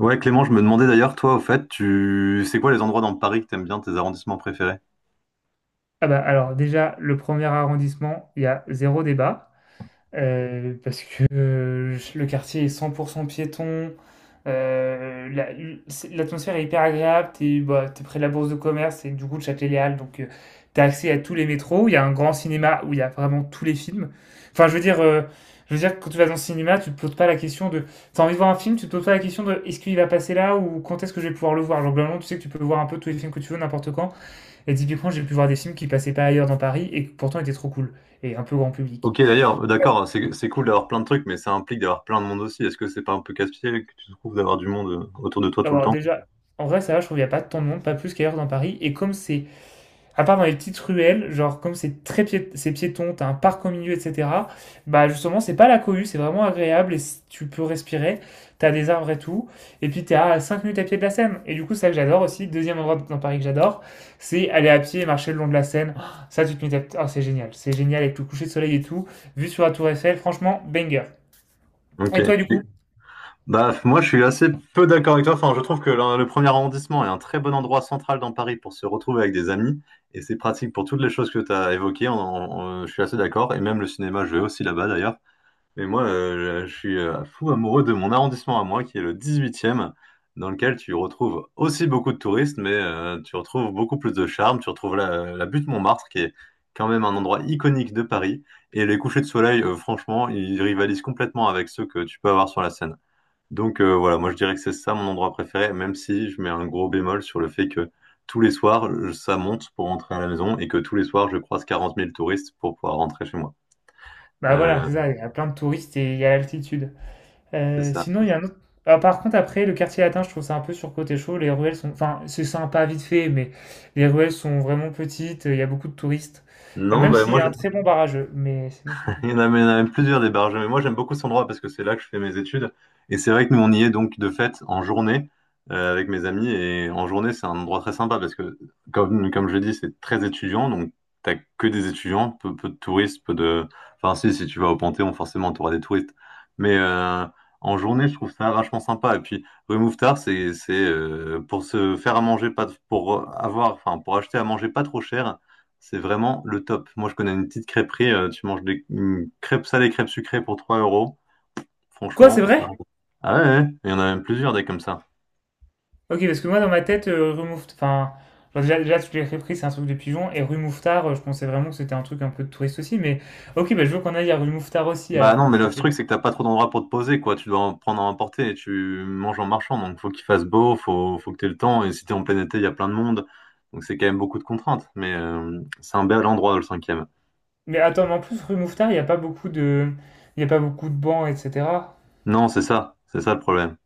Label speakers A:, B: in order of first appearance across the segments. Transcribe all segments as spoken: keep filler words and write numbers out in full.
A: Ouais, Clément, je me demandais d'ailleurs, toi, au fait, tu c'est quoi les endroits dans Paris que t'aimes bien, tes arrondissements préférés?
B: Ah bah, alors déjà, le premier arrondissement, il y a zéro débat, euh, parce que euh, le quartier est cent pour cent piéton, euh, la- c'est- l'atmosphère est hyper agréable, t'es bah, t'es près de la bourse de commerce et du coup de Châtelet-Les donc euh, t'as accès à tous les métros, il y a un grand cinéma où il y a vraiment tous les films. Enfin, je veux dire, euh, je veux dire que quand tu vas dans le cinéma, tu te poses pas la question de. T'as envie de voir un film, tu te poses pas la question de est-ce qu'il va passer là ou quand est-ce que je vais pouvoir le voir. Genre, globalement, tu sais que tu peux voir un peu tous les films que tu veux, n'importe quand. Et typiquement, j'ai pu voir des films qui passaient pas ailleurs dans Paris et qui pourtant étaient trop cool et un peu grand public.
A: Ok, d'ailleurs, d'accord, c'est c'est cool d'avoir plein de trucs, mais ça implique d'avoir plein de monde aussi. Est-ce que c'est pas un peu casse-pied que tu trouves d'avoir du monde euh, autour de toi tout le
B: Alors
A: temps?
B: déjà, en vrai, ça va, je trouve qu'il y a pas tant de monde, pas plus qu'ailleurs dans Paris. Et comme c'est, à part dans les petites ruelles, genre comme c'est très pié- c'est piéton, t'as un parc au milieu, et cetera. Bah justement, c'est pas la cohue, c'est vraiment agréable et c- tu peux respirer. T'as des arbres et tout. Et puis t'es à cinq minutes à pied de la Seine. Et du coup, c'est ça que j'adore aussi. Deuxième endroit dans Paris que j'adore, c'est aller à pied et marcher le long de la Seine. Ah, ça, tu te mets à. Oh, c'est génial. C'est génial avec le coucher de soleil et tout. Vue sur la Tour Eiffel, franchement, banger.
A: Ok.
B: Et toi, du coup?
A: Bah, moi, je suis assez peu d'accord avec toi. Enfin, je trouve que le, le premier arrondissement est un très bon endroit central dans Paris pour se retrouver avec des amis, et c'est pratique pour toutes les choses que tu as évoquées. On- on- je suis assez d'accord, et même le cinéma, je vais aussi là-bas d'ailleurs. Et moi, euh, je suis euh, fou amoureux de mon arrondissement à moi, qui est le dix-huitième, dans lequel tu retrouves aussi beaucoup de touristes, mais euh, tu retrouves beaucoup plus de charme. Tu retrouves la, la butte Montmartre, qui est quand même un endroit iconique de Paris. Et les couchers de soleil, euh, franchement, ils rivalisent complètement avec ceux que tu peux avoir sur la Seine. Donc euh, voilà, moi je dirais que c'est ça mon endroit préféré, même si je mets un gros bémol sur le fait que tous les soirs, je- ça monte pour rentrer à la maison et que tous les soirs, je croise quarante mille touristes pour pouvoir rentrer chez moi.
B: Bah voilà,
A: Euh,
B: c'est ça, il y a plein de touristes et il y a l'altitude.
A: c'est
B: Euh,
A: ça.
B: sinon, il y a un autre. Ah, par contre, après, le quartier latin, je trouve ça un peu surcoté chaud. Les ruelles sont. Enfin, c'est sympa vite fait, mais les ruelles sont vraiment petites, il y a beaucoup de touristes. Euh,
A: Non,
B: Même
A: bah
B: s'il y
A: moi,
B: a un très bon barrageux, mais sinon, c'est tout.
A: il y en a, mais il y en a même plusieurs des barges. Mais moi, j'aime beaucoup cet endroit parce que c'est là que je fais mes études. Et c'est vrai que nous, on y est donc de fait en journée euh, avec mes amis. Et en journée, c'est un endroit très sympa parce que, comme, comme je l'ai dit, c'est très étudiant. Donc, t'as que des étudiants, peu, peu de touristes, peu de. Enfin, si, si tu vas au Panthéon, forcément, t'auras des touristes. Mais euh, en journée, je trouve ça vachement sympa. Et puis, rue Mouffetard, c'est c'est, euh, pour se faire à manger, pas, pour avoir, enfin, pour acheter à manger pas trop cher c'est vraiment le top. Moi, je connais une petite crêperie. euh, tu manges des une crêpes salées, crêpes sucrées pour trois euros.
B: Quoi, c'est
A: Franchement, ça
B: vrai?
A: régale. Ah ouais, ouais, il y en a même plusieurs des comme ça.
B: Ok, parce que moi, dans ma tête, euh, rue Mouffetard. Enfin, genre, déjà, déjà, tu l'as repris, c'est un truc de pigeon. Et rue Mouffetard, euh, je pensais vraiment que c'était un truc un peu de touriste aussi, mais ok, bah, je veux qu'on aille à rue Mouffetard aussi,
A: Bah
B: alors.
A: non, mais le
B: Si
A: truc, c'est que t'as pas trop d'endroits pour te poser, quoi. Tu dois en prendre à emporter et tu manges en marchant. Donc, faut qu'il fasse beau, faut, faut que t'aies le temps. Et si t'es en plein été, il y a plein de monde. Donc, c'est quand même beaucoup de contraintes. Mais euh, c'est un bel endroit, le cinquième.
B: Mais attends, mais en plus, rue Mouffetard, il n'y a pas beaucoup de. Il y a pas beaucoup de bancs, et cetera.
A: Non, c'est ça. C'est ça le problème.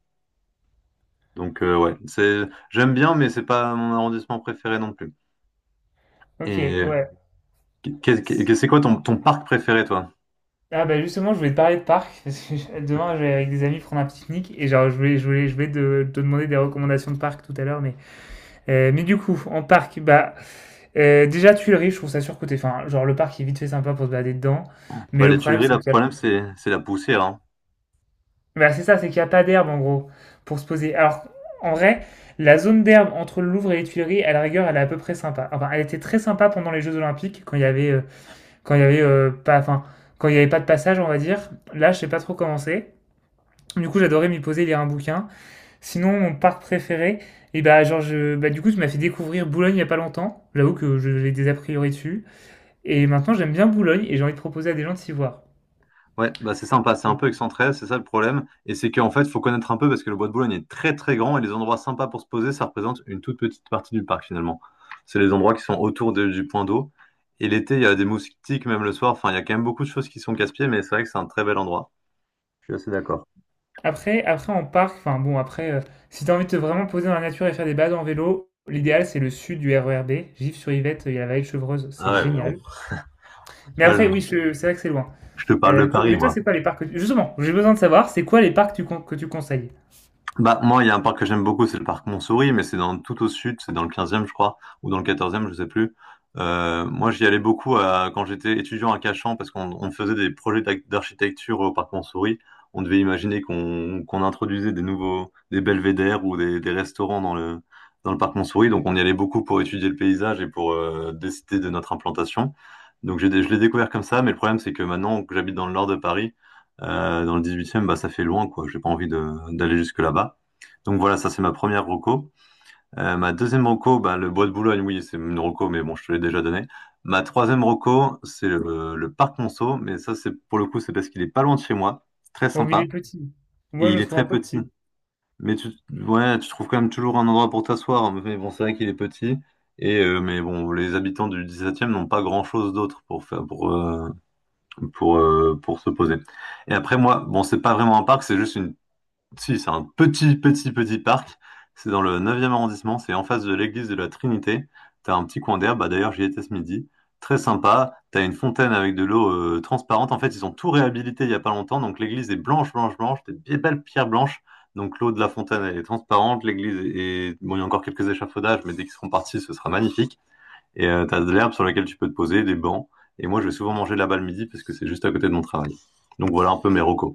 A: Donc, euh, ouais. C'est, j'aime bien, mais c'est pas mon arrondissement préféré non plus.
B: Ok,
A: Et
B: ouais.
A: qu'est- qu'est- c'est quoi ton, ton parc préféré, toi?
B: Ah bah justement, je voulais te parler de parc, parce que je- demain, je vais avec des amis prendre un pique-nique, et genre, je voulais, je voulais, je voulais te, te demander des recommandations de parc tout à l'heure, mais. Euh, mais du coup, en parc, bah. Euh, déjà, Tuileries, je trouve ça surcoté. Enfin, genre, le parc est vite fait sympa pour se balader dedans, mais
A: Bah,
B: le
A: les
B: problème,
A: Tuileries, là,
B: c'est
A: le
B: qu'il y a.
A: problème, c'est c'est la poussière, hein.
B: Bah, c'est ça, c'est qu'il n'y a pas d'herbe en gros pour se poser. Alors en vrai, la zone d'herbe entre le Louvre et les Tuileries, à la rigueur, elle est à peu près sympa. Enfin, elle était très sympa pendant les Jeux Olympiques quand il y avait euh, quand il y avait euh, pas, enfin quand il y avait pas de passage, on va dire. Là, je sais pas trop comment c'est. Du coup, j'adorais m'y poser, lire un bouquin. Sinon, mon parc préféré, et bah, genre, je, bah, du coup, tu m'as fait découvrir Boulogne il y a pas longtemps. J'avoue que je- j'ai des a priori dessus. Et maintenant, j'aime bien Boulogne et j'ai envie de proposer à des gens de s'y voir.
A: Ouais, bah, c'est sympa, c'est un
B: Euh,
A: peu excentré, c'est ça le problème. Et c'est qu'en fait, il faut connaître un peu parce que le Bois de Boulogne est très très grand et les endroits sympas pour se poser, ça représente une toute petite partie du parc finalement. C'est les endroits qui sont autour de- du point d'eau. Et l'été, il y a des moustiques, même le soir. Enfin, il y a quand même beaucoup de choses qui sont casse-pieds, mais c'est vrai que c'est un très bel endroit. Je suis assez d'accord.
B: Après, après en parc, enfin bon, après, euh, si t'as envie de te vraiment poser dans la nature et faire des balades en vélo, l'idéal c'est le sud du R E R B, Gif-sur-Yvette, il y a la vallée de Chevreuse, c'est
A: Ah ouais, mais
B: génial.
A: bon.
B: Mais
A: Là,
B: après, oui,
A: je
B: je- c'est vrai que c'est loin.
A: je te parle de
B: Euh, toi-
A: Paris,
B: mais toi,
A: moi.
B: c'est quoi les parcs que tu- justement, j'ai besoin de savoir, c'est quoi les parcs tu con- que tu conseilles?
A: Bah, moi, il y a un parc que j'aime beaucoup, c'est le parc Montsouris, mais c'est dans tout au sud, c'est dans le quinzième je crois, ou dans le quatorzième je sais plus. Euh, moi, j'y allais beaucoup à- quand j'étais étudiant à Cachan, parce qu'on on faisait des projets d'ac- d'architecture au parc Montsouris. On devait imaginer qu'on qu'on introduisait des nouveaux, des belvédères ou des, des restaurants dans le, dans le parc Montsouris. Donc, on y allait beaucoup pour étudier le paysage et pour euh, décider de notre implantation. Donc, j'ai, dé- je l'ai découvert comme ça, mais le problème, c'est que maintenant que j'habite dans le nord de Paris, euh, dans le dix-huitième, bah, ça fait loin, quoi. J'ai pas envie de, d'aller jusque là-bas. Donc voilà, ça c'est ma première reco. Euh, ma deuxième reco, bah, le bois de Boulogne, oui, c'est une reco, mais bon, je te l'ai déjà donné. Ma troisième reco, c'est le, le parc Monceau, mais ça c'est pour le coup, c'est parce qu'il est pas loin de chez moi, c'est très
B: Bon, mais il
A: sympa,
B: est petit. Moi,
A: et
B: je
A: il
B: le
A: est
B: trouve un
A: très
B: peu
A: petit.
B: petit.
A: Mais tu, ouais, tu trouves quand même toujours un endroit pour t'asseoir, hein. Mais bon, c'est vrai qu'il est petit. Et euh, mais bon, les habitants du dix-septième n'ont pas grand-chose d'autre pour faire pour euh, pour euh, pour se poser. Et après moi, bon, c'est pas vraiment un parc, c'est juste une si, c'est un petit, petit, petit parc. C'est dans le neuvième arrondissement. C'est en face de l'église de la Trinité. T'as un petit coin d'herbe. Bah, d'ailleurs, j'y étais ce midi. Très sympa. T'as une fontaine avec de l'eau euh, transparente. En fait, ils ont tout réhabilité il y a pas longtemps. Donc, l'église est blanche, blanche, blanche. T'as des belles pierres blanches. Donc, l'eau de la fontaine, elle est transparente. L'église est... Bon, il y a encore quelques échafaudages, mais dès qu'ils seront partis, ce sera magnifique. Et euh, t'as de l'herbe sur laquelle tu peux te poser, des bancs. Et moi, je vais souvent manger là-bas le midi parce que c'est juste à côté de mon travail. Donc, voilà un peu mes recos.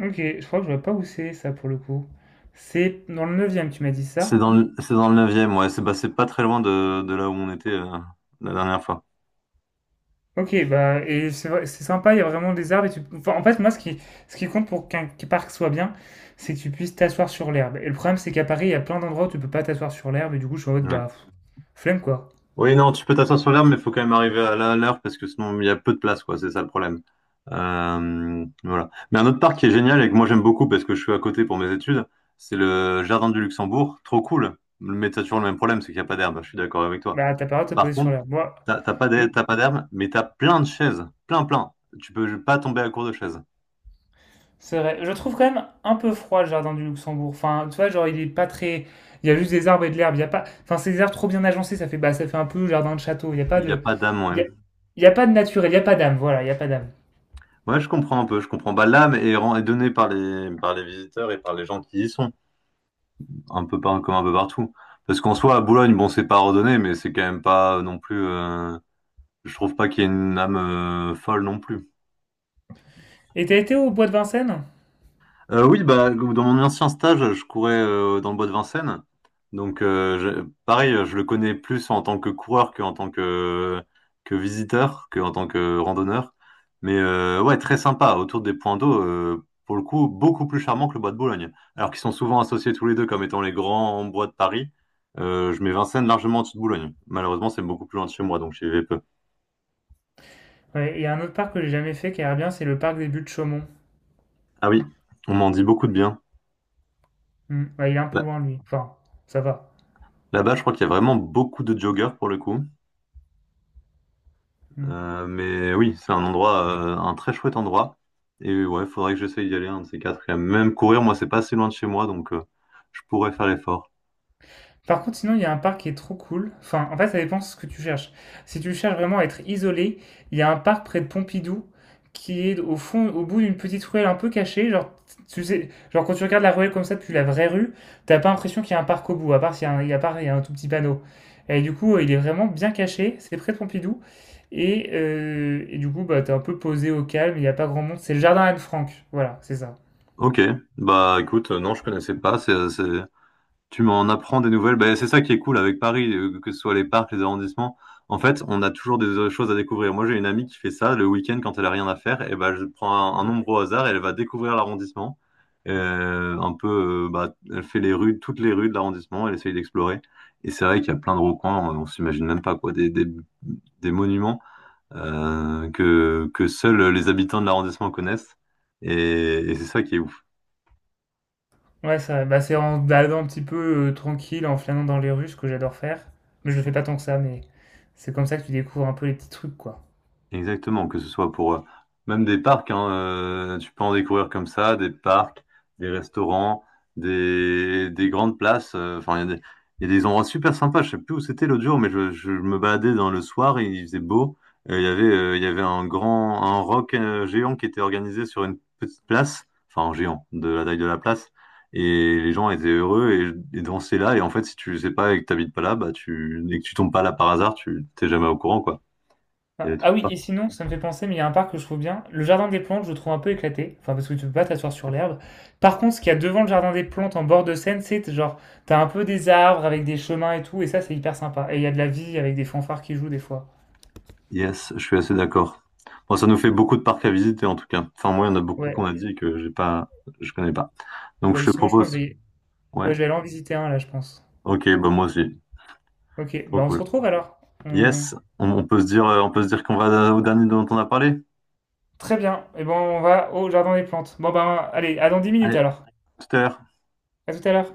B: Ok, je crois que je vois pas où c'est ça pour le coup. C'est dans le neuvième, tu m'as dit
A: C'est
B: ça?
A: dans le, c'est dans le neuvième, ouais. C'est bah, c'est pas très loin de, de là où on était euh, la dernière fois.
B: Ok, bah, et c'est vrai- c'est sympa, il y a vraiment des arbres. Et tu. Enfin, en fait, moi, ce qui, ce qui compte pour qu'un qu'un parc soit bien, c'est que tu puisses t'asseoir sur l'herbe. Et le problème, c'est qu'à Paris, il y a plein d'endroits où tu peux pas t'asseoir sur l'herbe, et du coup, je suis en mode,
A: Ouais.
B: bah, pff, flemme quoi.
A: Oui, non, tu peux t'asseoir sur l'herbe, mais il faut quand même arriver à la- à l'heure parce que sinon il y a peu de place, quoi. C'est ça le problème. Euh, voilà. Mais un autre parc qui est génial et que moi j'aime beaucoup parce que je suis à côté pour mes études, c'est le Jardin du Luxembourg. Trop cool. Mais t'as toujours le même problème, c'est qu'il n'y a pas d'herbe. Je suis d'accord avec toi.
B: Bah, t'as pas le droit de te
A: Par
B: poser sur
A: contre,
B: l'herbe. Moi,
A: t'as t'as pas d'herbe,
B: je.
A: t'as pas d'herbe, mais t'as plein de chaises. Plein, plein. Tu peux pas tomber à court de chaises.
B: C'est vrai. Je trouve quand même un peu froid le jardin du Luxembourg. Enfin, tu vois, genre, il est pas très. Il y a juste des arbres et de l'herbe. Il y a pas. Enfin, c'est des arbres trop bien agencés. Ça fait, bah, ça fait un peu jardin de château. Il y a pas
A: Il n'y a
B: de.
A: pas d'âme, ouais.
B: Il y a, il y a pas de naturel. Il y a pas d'âme. Voilà, il y a pas d'âme.
A: Ouais, je comprends un peu, je comprends. Bah, l'âme est, ren- est donnée par les, par les visiteurs et par les gens qui y sont, un peu par, comme un peu partout. Parce qu'en soi, à Boulogne, bon, c'est pas ordonné, mais c'est quand même pas non plus. Euh, je trouve pas qu'il y ait une âme euh, folle non plus.
B: Et t'as été au bois de Vincennes?
A: Euh, oui, bah, dans mon ancien stage, je courais euh, dans le bois de Vincennes. Donc, euh, je- pareil, je le connais plus en tant que coureur qu'en tant que, que visiteur, qu'en tant que randonneur. Mais euh, ouais, très sympa, autour des points d'eau, euh, pour le coup, beaucoup plus charmant que le bois de Boulogne. Alors qu'ils sont souvent associés tous les deux comme étant les grands bois de Paris. Euh, je mets Vincennes largement en dessous de Boulogne. Malheureusement, c'est beaucoup plus loin de chez moi, donc j'y vais peu.
B: Ouais. Il y a un autre parc que j'ai jamais fait qui a l'air bien. C'est le parc des Buttes de Chaumont.
A: Ah oui, on m'en dit beaucoup de bien.
B: Hmm. Ouais, il est un peu
A: Là-
B: loin, lui. Enfin, ça va.
A: Là-bas, je crois qu'il y a vraiment beaucoup de joggeurs pour le coup.
B: Hmm.
A: Euh, mais oui, c'est un endroit, euh, un très chouette endroit. Et ouais, faudrait que j'essaye d'y aller, un de ces quatre. Et même courir, moi, c'est pas assez loin de chez moi, donc euh, je pourrais faire l'effort.
B: Par contre, sinon, il y a un parc qui est trop cool. Enfin, en fait, ça dépend de ce que tu cherches. Si tu cherches vraiment à être isolé, il y a un parc près de Pompidou qui est au fond, au bout d'une petite ruelle un peu cachée. Genre, tu sais, genre quand tu regardes la ruelle comme ça depuis la vraie rue, t'as pas l'impression qu'il y a un parc au bout, à part s'il y a un, à part il y a un tout petit panneau. Et du coup, euh, il est vraiment bien caché. C'est près de Pompidou. Et, euh, et du coup, bah, t'es un peu posé au calme. Il n'y a pas grand monde. C'est le jardin Anne Frank. Voilà, c'est ça.
A: Ok, bah écoute, euh, non, je connaissais pas. C'est, c'est- Tu m'en apprends des nouvelles. Ben, c'est ça qui est cool avec Paris, euh, que ce soit les parcs, les arrondissements. En fait, on a toujours des euh, choses à découvrir. Moi, j'ai une amie qui fait ça le week-end quand elle a rien à faire. Et ben, je prends un, un nombre au hasard et elle va découvrir l'arrondissement. Euh, un peu, euh, bah, elle fait les rues, toutes les rues de l'arrondissement. Elle essaye d'explorer. Et c'est vrai qu'il y a plein de recoins. On, on s'imagine même pas quoi, des, des, des monuments euh, que que seuls les habitants de l'arrondissement connaissent. Et, et c'est ça qui est ouf.
B: Ouais, ça, bah, c'est en se baladant un petit peu euh, tranquille, en flânant dans les rues, ce que j'adore faire. Mais je le fais pas tant que ça, mais c'est comme ça que tu découvres un peu les petits trucs, quoi.
A: Exactement, que ce soit pour euh, même des parcs, hein, euh, tu peux en découvrir comme ça, des parcs, des restaurants, des, des grandes places. euh, Enfin, il y a des, il y a des endroits super sympas. Je sais plus où c'était l'autre jour, mais je, je me baladais dans le soir et il faisait beau. Et il y avait, euh, il y avait un grand, un rock euh, géant qui était organisé sur une petite place, enfin un géant de la taille de la place. Et les gens étaient heureux et, et dansaient là. Et en fait, si tu sais pas et que t'habites pas là, bah tu, et que tu tombes pas là par hasard, tu t'es jamais au courant, quoi. Il y a
B: Ah,
A: des trucs.
B: ah oui, et sinon, ça me fait penser, mais il y a un parc que je trouve bien. Le jardin des plantes, je le trouve un peu éclaté. Enfin, parce que tu peux pas t'asseoir sur l'herbe. Par contre, ce qu'il y a devant le jardin des plantes, en bord de Seine, c'est genre, t'as un peu des arbres avec des chemins et tout, et ça, c'est hyper sympa. Et il y a de la vie avec des fanfares qui jouent des fois.
A: Yes, je suis assez d'accord. Bon, ça nous fait beaucoup de parcs à visiter en tout cas. Enfin, moi, il y en a beaucoup
B: Ouais,
A: qu'on a dit que j'ai pas, je connais pas. Donc,
B: bah
A: je te
B: justement, je pense que
A: propose.
B: je vais,
A: Ouais.
B: ouais, je vais aller en visiter un, là, je pense.
A: Ok, bah moi aussi.
B: Ok,
A: Trop
B: bah on se
A: cool.
B: retrouve alors. On-
A: Yes, on, on peut se dire, euh, on peut se dire qu'on va au dernier dont on a parlé.
B: Très bien. Et bon, on va au jardin des plantes. Bon, ben, allez, à dans dix minutes
A: Allez,
B: alors.
A: tout à l'heure.
B: À tout à l'heure.